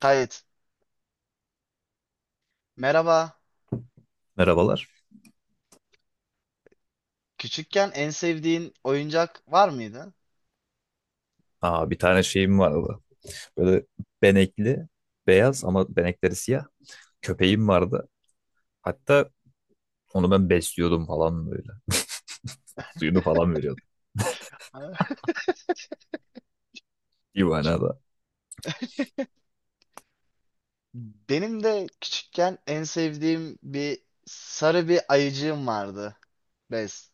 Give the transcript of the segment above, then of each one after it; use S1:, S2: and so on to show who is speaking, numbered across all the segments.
S1: Kayıt. Merhaba.
S2: Merhabalar.
S1: Küçükken en sevdiğin oyuncak var mıydı?
S2: Aa, bir tane şeyim vardı. Böyle benekli, beyaz ama benekleri siyah. Köpeğim vardı. Hatta onu ben besliyordum falan böyle. Suyunu falan veriyordum.
S1: Ha,
S2: Bir
S1: Çok.
S2: manada
S1: Benim de küçükken en sevdiğim bir sarı bir ayıcığım vardı. Bez.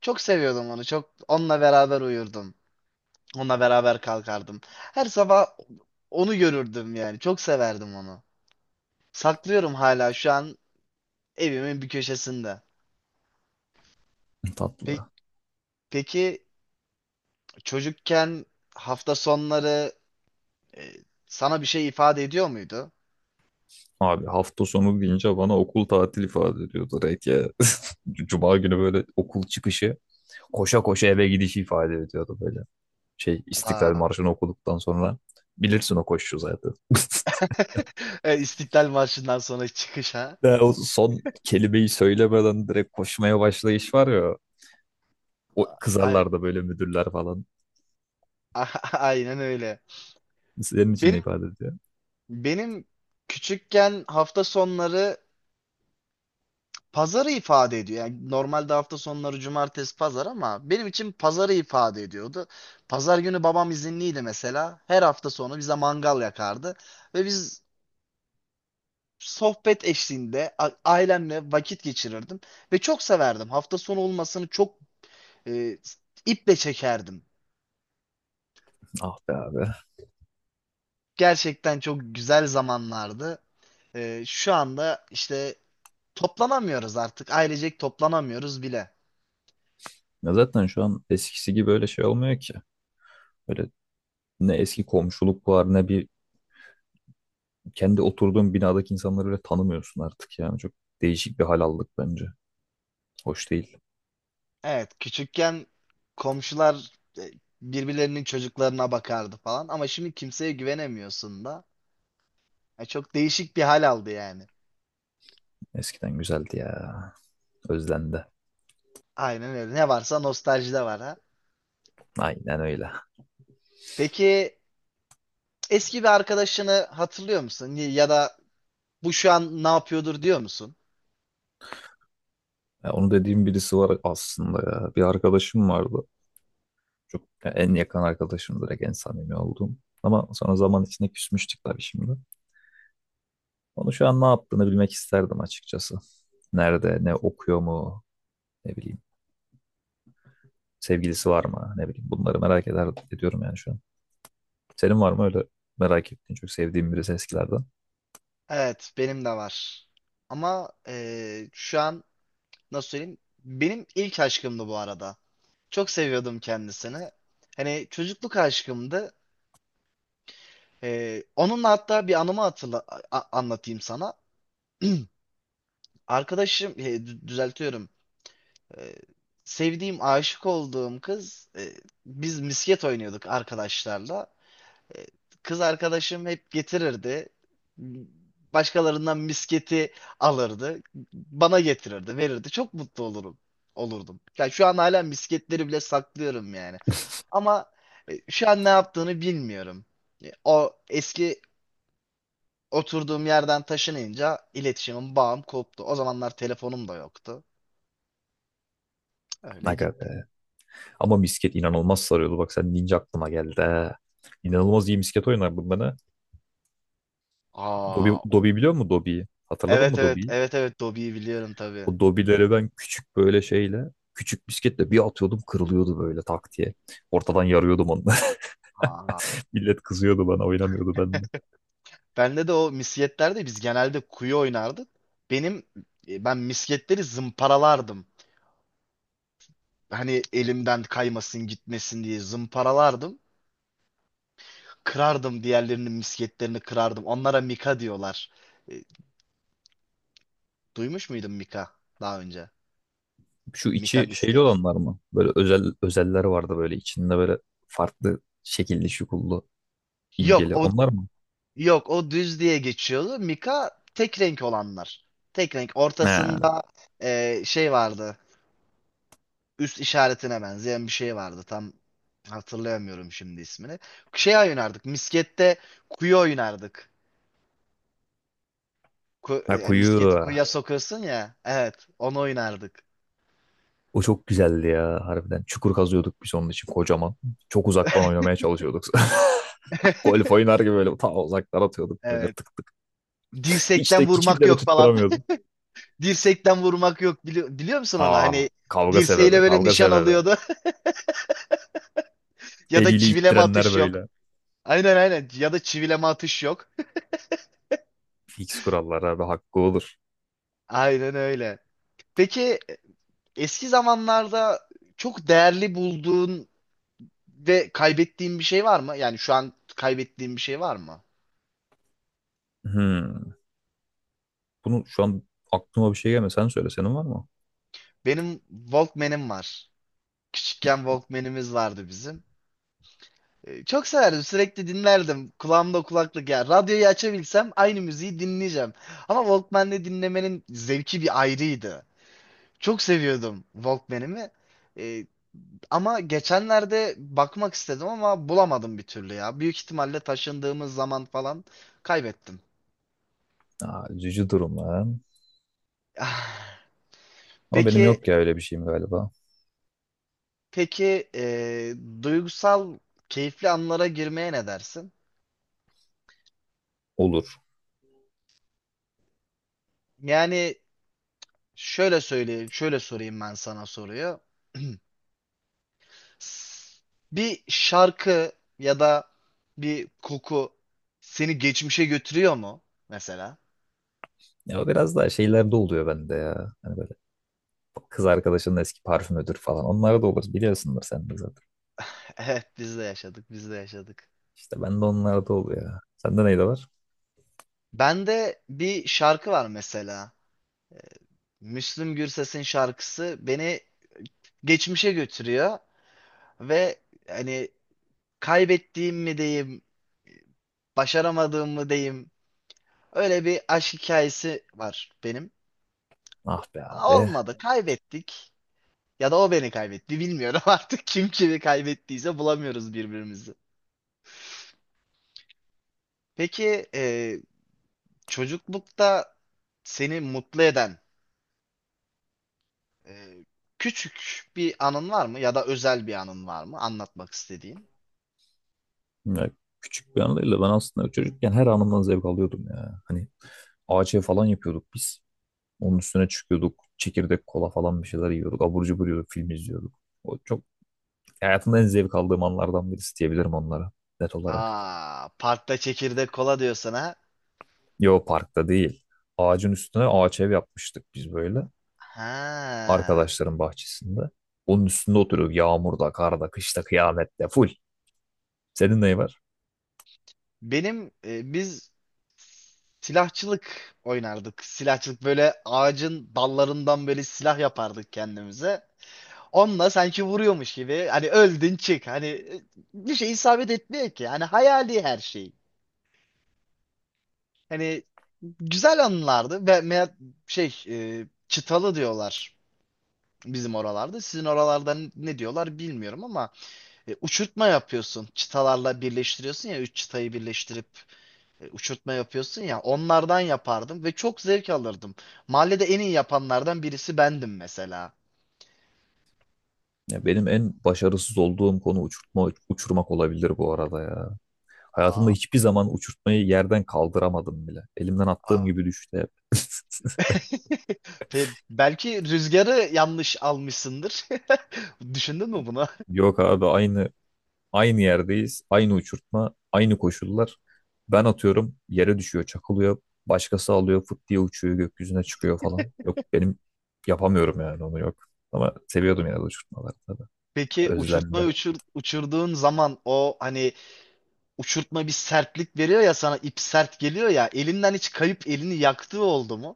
S1: Çok seviyordum onu. Çok onunla beraber uyurdum. Onunla beraber kalkardım. Her sabah onu görürdüm yani. Çok severdim onu. Saklıyorum hala şu an evimin bir köşesinde. Pe-
S2: tatlı.
S1: peki çocukken hafta sonları E, sana bir şey ifade ediyor muydu?
S2: Abi hafta sonu deyince bana okul tatil ifade ediyordu direkt ya. Cuma günü böyle okul çıkışı koşa koşa eve gidişi ifade ediyordu böyle. Şey İstiklal
S1: Aa.
S2: Marşı'nı okuduktan sonra bilirsin o koşu zaten.
S1: E, İstiklal Marşı'ndan sonra çıkış ha?
S2: Ya o son kelimeyi söylemeden direkt koşmaya başlayış var ya. O
S1: Ay-
S2: kızarlar da böyle müdürler falan.
S1: Aynen öyle.
S2: Senin için de
S1: Benim
S2: ifade ediyor.
S1: benim küçükken hafta sonları pazarı ifade ediyor. Yani normalde hafta sonları cumartesi pazar ama benim için pazarı ifade ediyordu. Pazar günü babam izinliydi mesela. Her hafta sonu bize mangal yakardı ve biz sohbet eşliğinde ailemle vakit geçirirdim ve çok severdim. Hafta sonu olmasını çok E, iple çekerdim.
S2: Ah be abi.
S1: Gerçekten çok güzel zamanlardı. Şu anda işte toplanamıyoruz artık. Ailecek toplanamıyoruz bile.
S2: Ya zaten şu an eskisi gibi öyle şey olmuyor ki. Böyle ne eski komşuluk var ne bir kendi oturduğun binadaki insanları öyle tanımıyorsun artık yani. Çok değişik bir hal aldık bence. Hoş değil.
S1: Evet, küçükken komşular e, birbirlerinin çocuklarına bakardı falan. Ama şimdi kimseye güvenemiyorsun da. Çok değişik bir hal aldı yani.
S2: Eskiden güzeldi ya. Özlendi.
S1: Aynen öyle. Ne varsa nostaljide var ha.
S2: Aynen öyle.
S1: Peki eski bir arkadaşını hatırlıyor musun? Ya da bu şu an ne yapıyordur diyor musun?
S2: Ya onu dediğim birisi var aslında ya. Bir arkadaşım vardı. Çok ya en yakın arkadaşım direkt en samimi olduğum. Ama sonra zaman içinde küsmüştük tabii şimdi. Onu şu an ne yaptığını bilmek isterdim açıkçası. Nerede, ne okuyor mu, ne bileyim. Sevgilisi var mı, ne bileyim. Bunları merak eder, ediyorum yani şu an. Senin var mı öyle merak ettiğin çok sevdiğin birisi eskilerden?
S1: Evet, benim de var. Ama şu an nasıl söyleyeyim? Benim ilk aşkımdı bu arada. Çok seviyordum kendisini. Hani çocukluk aşkımdı. Onunla hatta bir anımı anlatayım sana. Arkadaşım, düzeltiyorum. Eee, Sevdiğim, aşık olduğum kız, biz misket oynuyorduk arkadaşlarla. E, Kız arkadaşım hep getirirdi. Başkalarından misketi alırdı. Bana getirirdi, verirdi. Çok mutlu olurum. Olurdum. Yani şu an hala misketleri bile saklıyorum yani. Ama şu an ne yaptığını bilmiyorum. O eski oturduğum yerden taşınınca iletişimim, bağım koptu. O zamanlar telefonum da yoktu. Öyle
S2: Aga
S1: gitti.
S2: be. Ama misket inanılmaz sarıyordu. Bak sen deyince aklıma geldi. He. İnanılmaz iyi misket oynardım ben. He. Dobi,
S1: Aa,
S2: Dobi biliyor musun Dobi'yi? Hatırladın
S1: evet
S2: mı
S1: evet
S2: Dobi'yi?
S1: evet evet Dobby'yi biliyorum tabii.
S2: O Dobi'leri ben küçük böyle şeyle, küçük misketle bir atıyordum kırılıyordu böyle tak diye. Ortadan yarıyordum onu.
S1: Aa.
S2: Millet kızıyordu bana oynamıyordu ben.
S1: Bende de o misketlerde biz genelde kuyu oynardık. Benim ben misketleri zımparalardım. Hani elimden kaymasın gitmesin diye zımparalardım. Kırardım diğerlerinin misketlerini kırardım. Onlara mika diyorlar. E, Duymuş muydun mika daha önce?
S2: Şu
S1: Mika
S2: içi şeyli
S1: misket.
S2: olanlar mı? Böyle özel özeller vardı böyle içinde böyle farklı şekilli şukullu
S1: Yok
S2: imgeli.
S1: o
S2: Onlar mı?
S1: yok o düz diye geçiyordu. Mika tek renk olanlar. Tek renk.
S2: He.
S1: Ortasında şey vardı. Üst işaretine benzeyen bir şey vardı. Tam hatırlayamıyorum şimdi ismini. Şey oynardık. Miskette kuyu oynardık.
S2: Ha,
S1: Yani
S2: kuyu.
S1: misketi kuyuya sokuyorsun ya. Evet, onu oynardık.
S2: O çok güzeldi ya harbiden. Çukur kazıyorduk biz onun için kocaman. Çok uzaktan oynamaya çalışıyorduk. Golf oynar gibi böyle ta uzaktan atıyorduk böyle
S1: Evet.
S2: tık tık. Hiç
S1: Dirsekten
S2: de
S1: vurmak
S2: hiçbirleri
S1: yok falan.
S2: tutturamıyordum.
S1: Dirsekten vurmak yok. Biliyor musun onu?
S2: Aa,
S1: Hani
S2: kavga sebebi
S1: dirseğiyle böyle
S2: kavga
S1: nişan
S2: sebebi.
S1: alıyordu. Ya da
S2: Eliyle
S1: çivileme
S2: ittirenler
S1: atış yok.
S2: böyle.
S1: Aynen aynen. Ya da çivileme atış yok.
S2: Fix kurallar abi hakkı olur.
S1: Aynen öyle. Peki eski zamanlarda çok değerli bulduğun ve kaybettiğim bir şey var mı? Yani şu an kaybettiğim bir şey var mı?
S2: Hmm. Bunu şu an aklıma bir şey gelmiyor. Sen söyle senin var mı?
S1: Benim Walkman'im var. Küçükken Walkman'imiz vardı bizim. Çok severdim. Sürekli dinlerdim. Kulağımda kulaklık ya. Radyoyu açabilsem aynı müziği dinleyeceğim. Ama Walkman'le dinlemenin zevki bir ayrıydı. Çok seviyordum Walkman'imi. Ee, Ama geçenlerde bakmak istedim ama bulamadım bir türlü ya. Büyük ihtimalle taşındığımız zaman falan kaybettim.
S2: Aa, üzücü durum lan.
S1: Ah,
S2: Ama benim
S1: Peki
S2: yok ya öyle bir şeyim galiba.
S1: Peki duygusal keyifli anlara girmeye ne dersin?
S2: Olur.
S1: Yani şöyle söyleyeyim, şöyle sorayım ben sana soruyu. S- Bir şarkı ya da bir koku seni geçmişe götürüyor mu mesela?
S2: Ya o biraz daha şeylerde oluyor bende ya. Hani böyle kız arkadaşının eski parfümüdür falan. Onlar da olur. Biliyorsundur sen de zaten.
S1: Evet, biz de yaşadık, biz de yaşadık.
S2: İşte bende onlar da oluyor ya. Sende neydi var?
S1: Bende bir şarkı var mesela. Müslüm Gürses'in şarkısı beni geçmişe götürüyor ve hani kaybettiğim mi diyeyim başaramadığımı diyeyim. Öyle bir aşk hikayesi var benim.
S2: Ah be
S1: Ama
S2: abi.
S1: olmadı. Kaybettik. Ya da o beni kaybetti. Bilmiyorum artık kim kimi kaybettiyse bulamıyoruz birbirimizi. Peki çocuklukta seni mutlu eden e, küçük bir anın var mı? Ya da özel bir anın var mı? Anlatmak istediğin.
S2: Ya, küçük bir anıyla ben aslında çocukken her anımdan zevk alıyordum ya. Hani ağaçya falan yapıyorduk biz. Onun üstüne çıkıyorduk. Çekirdek kola falan bir şeyler yiyorduk. Abur cubur yiyorduk. Film izliyorduk. O çok hayatımda en zevk aldığım anlardan birisi diyebilirim onlara. Net olarak.
S1: Aa, parkta çekirdek kola diyorsun ha.
S2: Yo parkta değil. Ağacın üstüne ağaç ev yapmıştık biz böyle.
S1: Ha.
S2: Arkadaşların bahçesinde. Onun üstünde oturuyoruz. Yağmurda, karda, kışta, kıyamette full. Senin neyi var?
S1: Biz silahçılık oynardık. Silahçılık böyle ağacın dallarından böyle silah yapardık kendimize. Onunla sanki vuruyormuş gibi hani öldün çık hani bir şey isabet etmiyor ki. Hani hayali her şey. Hani güzel anılardı. Ve çıtalı diyorlar bizim oralarda. Sizin oralarda ne diyorlar bilmiyorum ama uçurtma yapıyorsun. Çıtalarla birleştiriyorsun ya üç çıtayı birleştirip. Uçurtma yapıyorsun ya onlardan yapardım ve çok zevk alırdım. Mahallede en iyi yapanlardan birisi bendim mesela.
S2: Ya benim en başarısız olduğum konu uçurtma, uçurmak olabilir bu arada ya. Hayatımda
S1: Aa,
S2: hiçbir zaman uçurtmayı yerden kaldıramadım bile. Elimden attığım
S1: aa.
S2: gibi düştü hep.
S1: Belki rüzgarı yanlış almışsındır. Düşündün mü bunu?
S2: Yok abi, aynı yerdeyiz, aynı uçurtma, aynı koşullar. Ben atıyorum, yere düşüyor, çakılıyor. Başkası alıyor, fıt diye uçuyor, gökyüzüne çıkıyor falan. Yok benim yapamıyorum yani onu yok. Ama seviyordum yine de uçurtmaları tabii.
S1: Peki uçurtma
S2: Özlendi.
S1: uçurduğun zaman o hani uçurtma bir sertlik veriyor ya sana ip sert geliyor ya elinden hiç kayıp elini yaktığı oldu mu?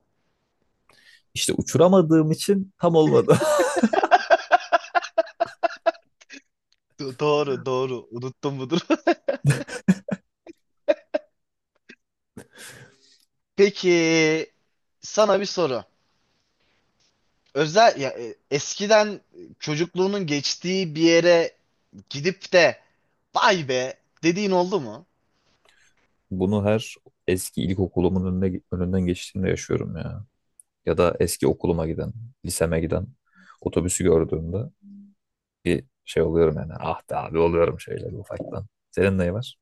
S2: İşte uçuramadığım için tam olmadı.
S1: Doğru doğru unuttum budur. Peki sana bir soru. Özel ya, eskiden çocukluğunun geçtiği bir yere gidip de vay be dediğin oldu mu?
S2: Bunu her eski ilkokulumun önüne, önünden geçtiğimde yaşıyorum ya. Ya da eski okuluma giden, liseme giden otobüsü gördüğümde bir şey oluyorum yani. Ah be abi oluyorum şeyler ufaktan. Senin neyi var?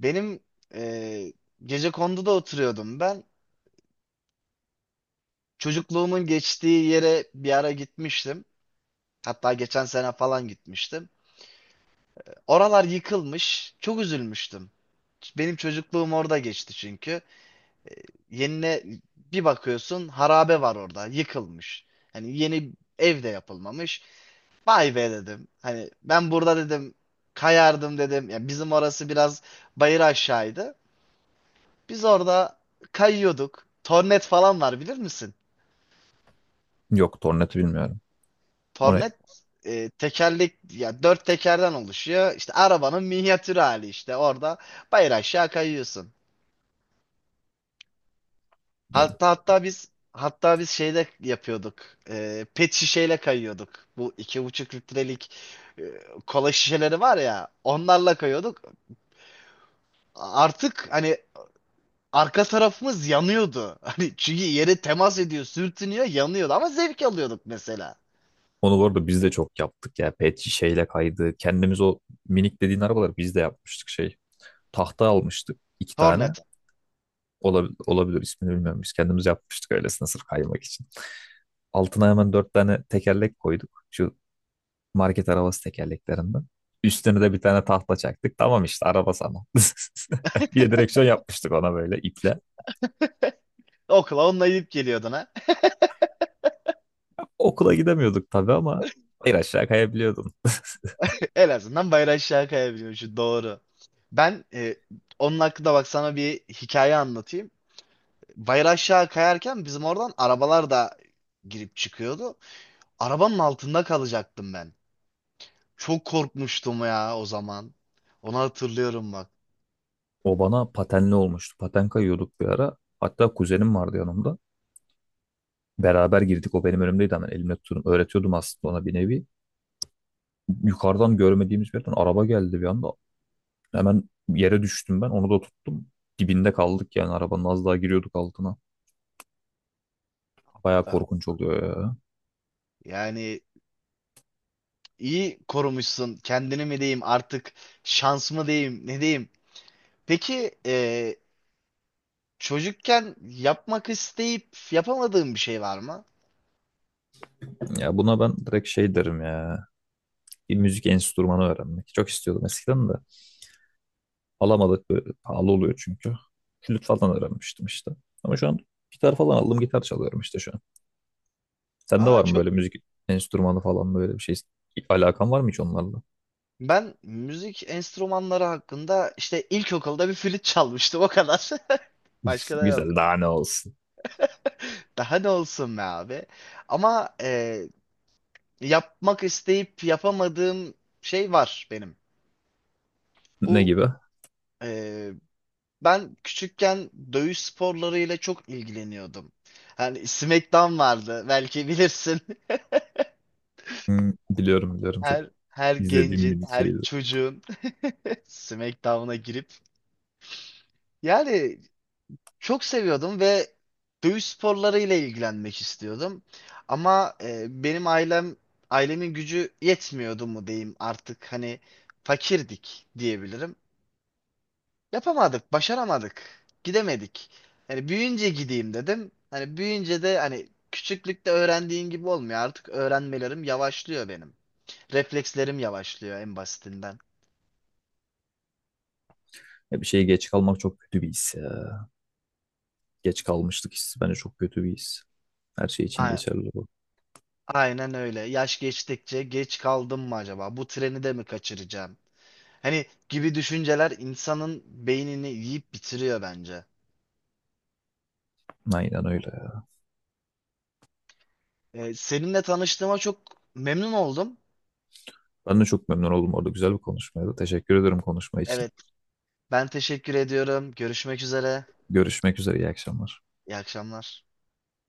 S1: Benim e, Gecekondu'da oturuyordum ben. Çocukluğumun geçtiği yere bir ara gitmiştim. Hatta geçen sene falan gitmiştim. Oralar yıkılmış. Çok üzülmüştüm. Benim çocukluğum orada geçti çünkü. Yenine bir bakıyorsun harabe var orada, yıkılmış. Hani yeni ev de yapılmamış. Vay be dedim. Hani ben burada dedim kayardım dedim. Ya bizim orası biraz bayır aşağıydı. Biz orada kayıyorduk. Tornet falan var bilir misin?
S2: Yok, Tornat'ı bilmiyorum. Onu,
S1: Tornet tekerlek ya dört tekerden oluşuyor. İşte arabanın minyatür hali işte orada bayır aşağı kayıyorsun. Hatta biz şeyde yapıyorduk. Pet şişeyle kayıyorduk. Bu 2,5 litrelik e, kola şişeleri var ya onlarla kayıyorduk. Artık hani arka tarafımız yanıyordu. Hani çünkü yere temas ediyor, sürtünüyor, yanıyordu ama zevk alıyorduk mesela.
S2: onu bu arada biz de çok yaptık ya. Pet şişeyle kaydı. Kendimiz o minik dediğin arabaları biz de yapmıştık şey. Tahta almıştık iki tane.
S1: Hornet.
S2: Olabilir, olabilir ismini bilmiyorum. Biz kendimiz yapmıştık öylesine sırf kaymak için. Altına hemen dört tane tekerlek koyduk. Şu market arabası tekerleklerinden. Üstüne de bir tane tahta çaktık. Tamam işte araba sana. Bir de direksiyon yapmıştık ona böyle iple.
S1: Okula onunla gidip geliyordun ha.
S2: Okula gidemiyorduk tabii ama bir aşağı kayabiliyordun.
S1: En azından bayrağı aşağı kayabiliyor şu doğru. Ben e, Onun hakkında bak sana bir hikaye anlatayım. Bayrağı aşağı kayarken bizim oradan arabalar da girip çıkıyordu. Arabanın altında kalacaktım ben. Çok korkmuştum ya o zaman. Onu hatırlıyorum bak.
S2: O bana patenli olmuştu. Paten kayıyorduk bir ara. Hatta kuzenim vardı yanımda. Beraber girdik. O benim önümdeydi hemen elimle tutuyordum. Öğretiyordum aslında ona bir nevi. Yukarıdan görmediğimiz bir yerden araba geldi bir anda. Hemen yere düştüm ben. Onu da tuttum. Dibinde kaldık yani arabanın az daha giriyorduk altına. Baya korkunç oluyor ya.
S1: Yani İyi korumuşsun. Kendini mi diyeyim artık şans mı diyeyim ne diyeyim. Peki çocukken yapmak isteyip yapamadığın bir şey var mı?
S2: Ya buna ben direkt şey derim ya. Bir müzik enstrümanı öğrenmek. Çok istiyordum eskiden de. Alamadık. Böyle pahalı oluyor çünkü. Flüt falan öğrenmiştim işte. Ama şu an gitar falan aldım. Gitar çalıyorum işte şu an. Sende
S1: Aa
S2: var mı
S1: çok
S2: böyle
S1: iyi.
S2: müzik enstrümanı falan böyle bir şey? Alakan var mı hiç onlarla?
S1: Ben müzik enstrümanları hakkında işte ilkokulda bir flüt çalmıştım o kadar. Başka da yok.
S2: Güzel, daha ne olsun.
S1: Daha ne olsun be abi. Ama yapmak isteyip yapamadığım şey var benim.
S2: Ne
S1: Bu
S2: gibi?
S1: e, Ben küçükken dövüş sporlarıyla çok ilgileniyordum. Hani SmackDown vardı belki bilirsin.
S2: Hmm, biliyorum biliyorum çok
S1: Her
S2: izlediğim
S1: gencin,
S2: bir
S1: her
S2: şeydi.
S1: çocuğun SmackDown'a girip yani çok seviyordum ve dövüş sporlarıyla ilgilenmek istiyordum. Ama e, benim ailem ailemin gücü yetmiyordu mu diyeyim artık hani fakirdik diyebilirim. Yapamadık, başaramadık. Gidemedik. Hani büyüyünce gideyim dedim. Hani büyüyünce de hani küçüklükte öğrendiğin gibi olmuyor. Artık öğrenmelerim yavaşlıyor benim. Reflekslerim yavaşlıyor en basitinden.
S2: Ya bir şeye geç kalmak çok kötü bir his ya. Geç kalmışlık hissi bence çok kötü bir his. Her şey için
S1: A-
S2: geçerli bu.
S1: Aynen öyle. Yaş geçtikçe geç kaldım mı acaba? Bu treni de mi kaçıracağım? Hani gibi düşünceler insanın beynini yiyip bitiriyor bence.
S2: Aynen öyle ya.
S1: Seninle tanıştığıma çok memnun oldum.
S2: Ben de çok memnun oldum orada. Güzel bir konuşmaydı. Teşekkür ederim konuşma için.
S1: Evet, ben teşekkür ediyorum. Görüşmek üzere.
S2: Görüşmek üzere. İyi akşamlar.
S1: İyi akşamlar.